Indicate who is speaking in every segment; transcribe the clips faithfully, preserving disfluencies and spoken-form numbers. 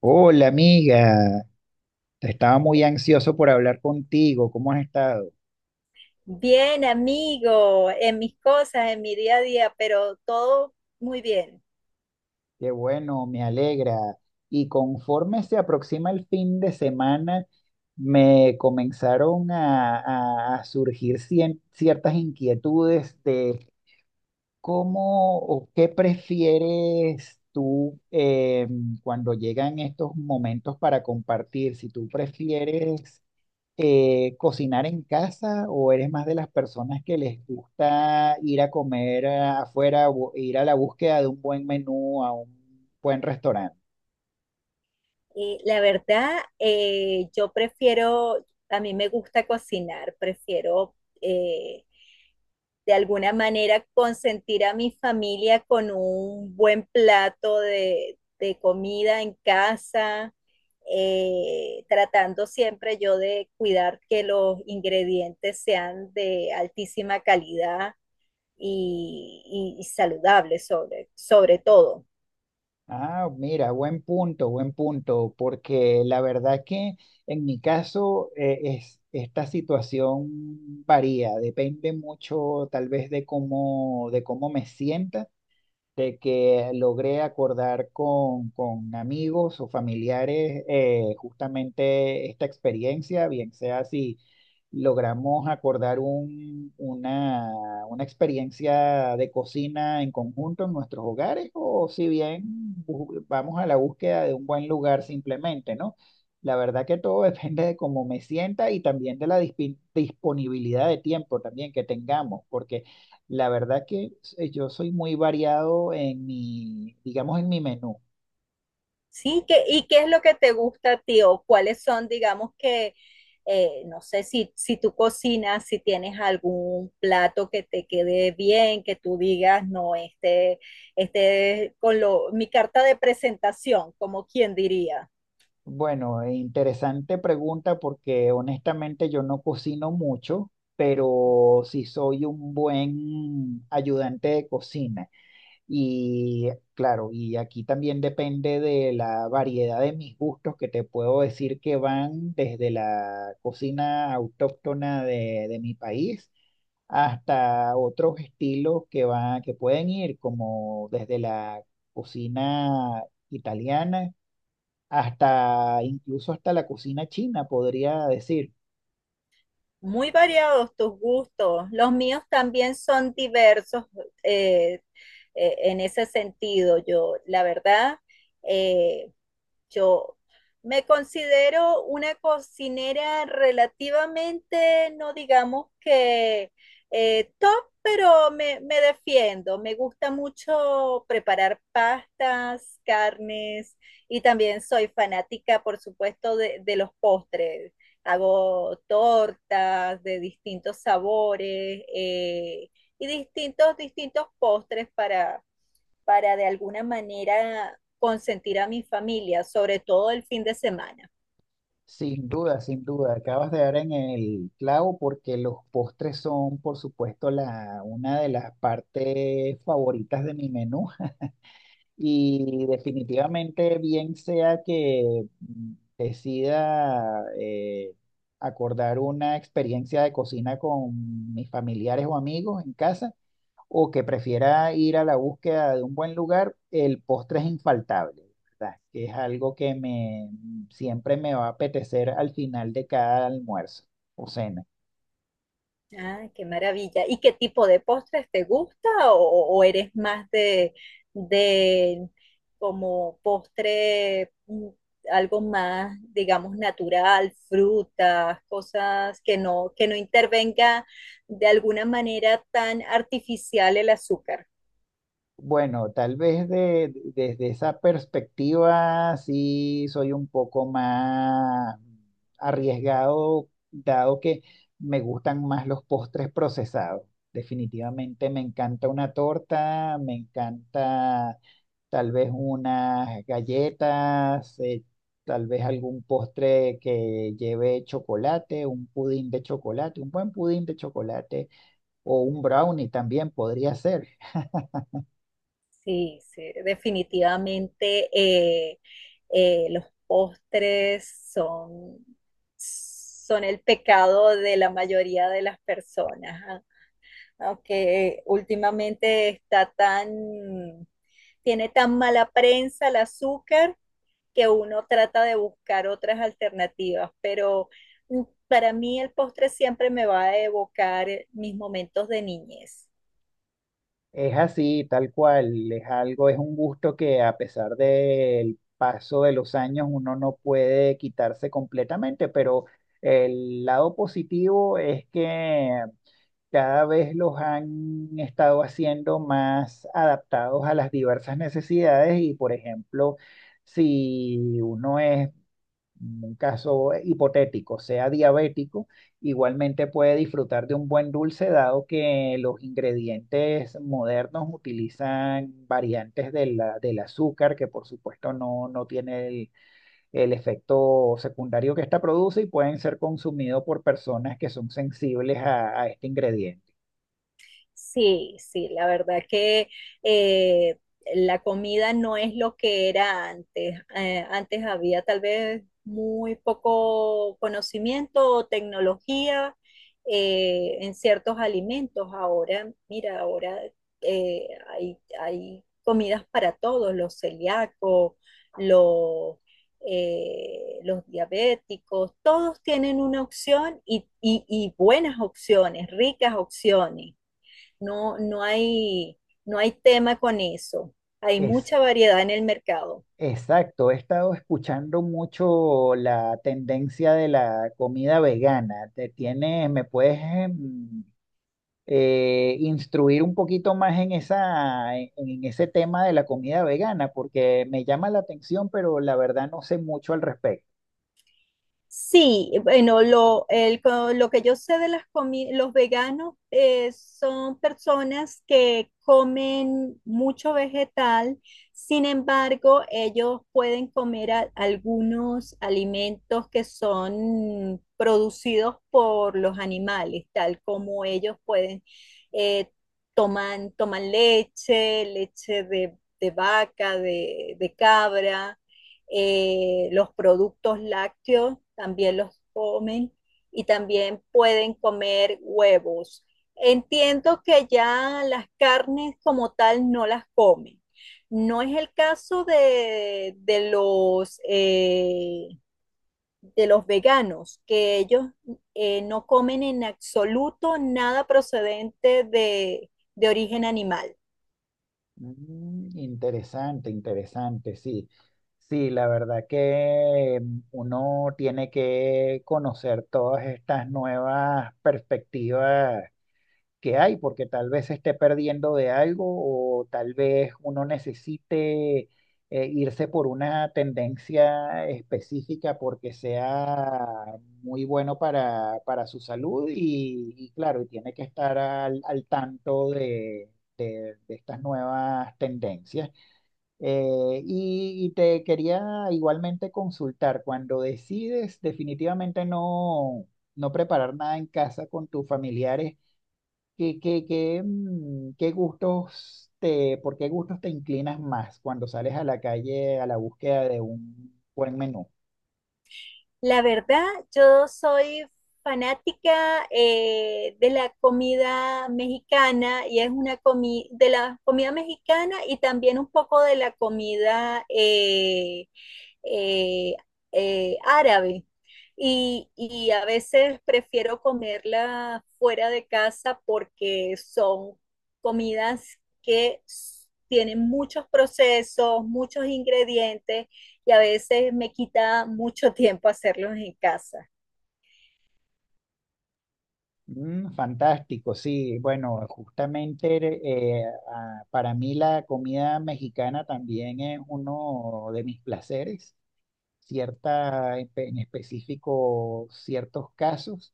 Speaker 1: Hola amiga, estaba muy ansioso por hablar contigo. ¿Cómo has estado?
Speaker 2: Bien, amigo, en mis cosas, en mi día a día, pero todo muy bien.
Speaker 1: Qué bueno, me alegra. Y conforme se aproxima el fin de semana, me comenzaron a, a- a surgir cien- ciertas inquietudes de cómo o qué prefieres tú eh, cuando llegan estos momentos para compartir, si tú prefieres eh, cocinar en casa o eres más de las personas que les gusta ir a comer ah, afuera o ir a la búsqueda de un buen menú, ¿a un buen restaurante?
Speaker 2: Y la verdad, eh, yo prefiero, a mí me gusta cocinar, prefiero eh, de alguna manera consentir a mi familia con un buen plato de, de comida en casa, eh, tratando siempre yo de cuidar que los ingredientes sean de altísima calidad y, y saludable sobre, sobre todo.
Speaker 1: Ah, mira, buen punto, buen punto, porque la verdad que en mi caso eh, es, esta situación varía, depende mucho tal vez de cómo, de cómo me sienta, de que logré acordar con, con amigos o familiares eh, justamente esta experiencia, bien sea si logramos acordar un- una, una experiencia de cocina en conjunto en nuestros hogares, o si bien bu- vamos a la búsqueda de un buen lugar simplemente, ¿no? La verdad que todo depende de cómo me sienta, y también de la dispi- disponibilidad de tiempo también que tengamos, porque la verdad que eh, yo soy muy variado en mi, digamos, en mi menú.
Speaker 2: ¿Sí? ¿Qué- ¿Y qué es lo que te gusta a ti o cuáles son, digamos que, eh, no sé si, si tú cocinas, si tienes algún plato que te quede bien, que tú digas, no, este, este es con lo, mi carta de presentación, como quien diría.
Speaker 1: Bueno, eh, interesante pregunta porque honestamente yo no cocino mucho, pero sí soy un buen ayudante de cocina. Y claro, y aquí también depende de la variedad de mis gustos, que te puedo decir que van desde la cocina autóctona de de mi país, hasta otros estilos que van, que pueden ir como desde la cocina italiana hasta incluso hasta la cocina china, podría decir.
Speaker 2: Muy variados tus gustos. Los míos también son diversos eh, eh, en ese sentido. Yo, la verdad, eh, yo me considero una cocinera relativamente, no digamos que eh, top, pero me, me defiendo. Me gusta mucho preparar pastas, carnes y también soy fanática, por supuesto, de, de los postres, hago tortas de distintos sabores eh, y distintos, distintos postres para, para de alguna manera consentir a mi familia, sobre todo el fin de semana.
Speaker 1: Sin duda, sin duda, acabas de dar en el clavo porque los postres son, por supuesto, la, una de las partes favoritas de mi menú. Y definitivamente, bien sea que mm, decida eh, acordar una experiencia de cocina con mis familiares o amigos en casa, o que prefiera ir a la búsqueda de un buen lugar, el postre es infaltable, ¿verdad? Que es algo que me siempre me va a apetecer al final de cada almuerzo o cena.
Speaker 2: Ah, qué maravilla. ¿Y qué tipo de postres te gusta o, o eres más de, de como postre, mm, algo más, digamos, natural, frutas, cosas que no, que no intervenga de alguna manera tan artificial el azúcar?
Speaker 1: Bueno, tal vez de- desde esa perspectiva sí soy un poco más arriesgado, dado que me gustan más los postres procesados. Definitivamente me encanta una torta, me encanta tal vez unas galletas, eh, tal vez algún postre que lleve chocolate, un pudín de chocolate, un buen pudín de chocolate o un brownie también podría ser.
Speaker 2: Sí, sí, definitivamente eh, eh, los postres son, son el pecado de la mayoría de las personas. ¿Ah? Aunque últimamente está tan, tiene tan mala prensa el azúcar que uno trata de buscar otras alternativas, pero mm, para mí el postre siempre me va a evocar mis momentos de niñez.
Speaker 1: Es así, tal cual, es algo, es un gusto que a pesar del paso de los años uno no puede quitarse completamente, pero el lado positivo es que cada vez los han estado haciendo más adaptados a las diversas necesidades y, por ejemplo, si uno es, un caso hipotético, sea diabético, igualmente puede disfrutar de un buen dulce, dado que los ingredientes modernos utilizan variantes de la- del azúcar, que por supuesto no, no tiene el, el efecto secundario que esta produce, y pueden ser consumidos por personas que son sensibles a, a este ingrediente.
Speaker 2: Sí, sí, la verdad que eh, la comida no es lo que era antes. Eh, antes había tal vez muy poco conocimiento o tecnología eh, en ciertos alimentos. Ahora, mira, ahora eh, hay, hay comidas para todos, los celíacos, los, eh, los diabéticos, todos tienen una opción y, y y buenas opciones, ricas opciones. No, no hay, no hay tema con eso. Hay
Speaker 1: Es
Speaker 2: mucha variedad en el mercado.
Speaker 1: exacto, he estado escuchando mucho la tendencia de la comida vegana. Te tienes, me puedes, em, eh, instruir un poquito más en esa, en, en ese tema de la comida vegana, porque me llama la atención, pero la verdad no sé mucho al respecto.
Speaker 2: Sí, bueno, lo, el co- lo que yo sé de las comi- los veganos eh, son personas que comen mucho vegetal, sin embargo, ellos pueden comer a- algunos alimentos que son producidos por los animales, tal como ellos pueden eh, toman, toman leche, leche de, de vaca, de de cabra eh, los productos lácteos también los comen y también pueden comer huevos. Entiendo que ya las carnes como tal no las comen. No es el caso de, de los, eh, de los veganos, que ellos eh, no comen en absoluto nada procedente de, de origen animal.
Speaker 1: Mm, interesante, interesante, sí. Sí, la verdad que mm, uno tiene que conocer todas estas nuevas perspectivas que hay, porque tal vez se esté perdiendo de algo, o tal vez uno necesite eh, irse por una tendencia específica porque sea muy bueno para, para su salud, y, y claro, y tiene que estar al, al tanto de, de- de estas nuevas tendencias. Eh, y, y te quería igualmente consultar, cuando decides definitivamente no, no preparar nada en casa con tus familiares, ¿qué, qué, qué, mm, qué gustos te, por qué gustos te inclinas más cuando sales a la calle a la búsqueda de un buen menú?
Speaker 2: La verdad, yo soy fanática eh, de la comida mexicana y es una comida de la comida mexicana y también un poco de la comida eh, eh, eh, árabe. Y, y a veces prefiero comerla fuera de casa porque son comidas que s- tienen muchos procesos, muchos ingredientes y a veces me quita mucho tiempo hacerlos en casa.
Speaker 1: Mm, fantástico, sí. Bueno, justamente eh, a- para mí la comida mexicana también es uno de mis placeres. Cierta, en específico, ciertos casos.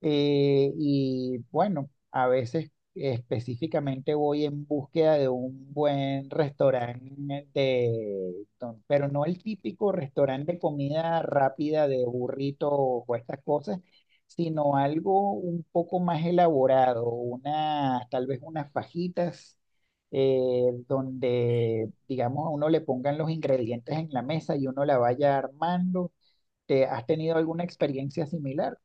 Speaker 1: Eh, y bueno, a veces específicamente voy en búsqueda de un buen restaurante de, don- pero no el típico restaurante de comida rápida de burrito o estas cosas, sino algo un poco más elaborado, una, tal vez unas fajitas, eh, donde, digamos, a uno le pongan los ingredientes en la mesa y uno la vaya armando. ¿Te has tenido alguna experiencia similar?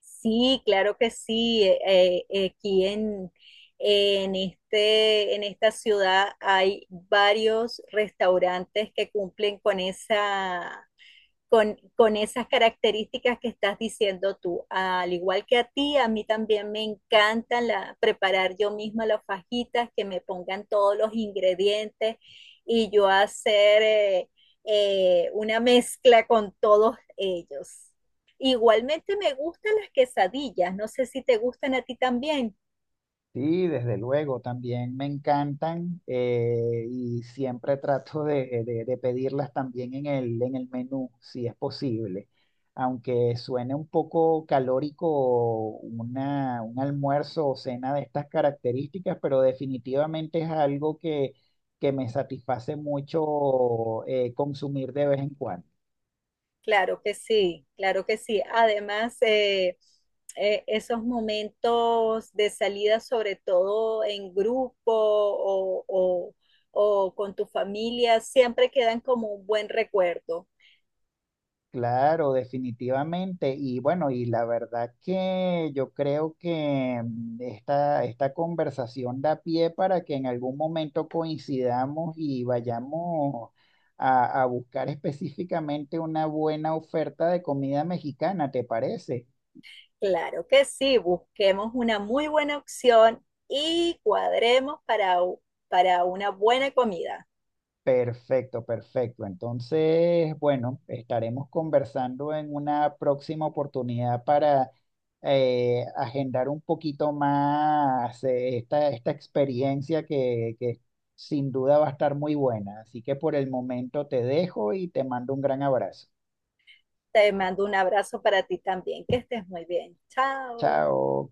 Speaker 2: Sí, claro que sí. Eh, eh, aquí en, en, este, en esta ciudad hay varios restaurantes que cumplen con esa con, con, esas características que estás diciendo tú. Al igual que a ti, a mí también me encanta la, preparar yo misma las fajitas, que me pongan todos los ingredientes y yo hacer eh, eh, una mezcla con todos ellos. Igualmente me gustan las quesadillas, no sé si te gustan a ti también.
Speaker 1: Sí, desde luego, también me encantan, eh, y siempre trato de, de- de pedirlas también en el, en el menú, si es posible. Aunque suene un poco calórico una, un almuerzo o cena de estas características, pero definitivamente es algo que, que me satisface mucho eh, consumir de vez en cuando.
Speaker 2: Claro que sí, claro que sí. Además, eh, eh, esos momentos de salida, sobre todo en grupo o, o- o con tu familia, siempre quedan como un buen recuerdo.
Speaker 1: Claro, definitivamente. Y bueno, y la verdad que yo creo que mm, esta, esta conversación da pie para que en algún momento coincidamos y vayamos a, a buscar específicamente una buena oferta de comida mexicana, ¿te parece?
Speaker 2: Claro que sí, busquemos una muy buena opción y cuadremos para, u- para una buena comida.
Speaker 1: Perfecto, perfecto. Entonces, bueno, estaremos conversando en una próxima oportunidad para eh, agendar un poquito más eh, esta, esta experiencia que, que sin duda va a estar muy buena. Así que por el momento te dejo y te mando un gran abrazo.
Speaker 2: Te mando un abrazo para ti también, que estés muy bien. Chao.
Speaker 1: Chao.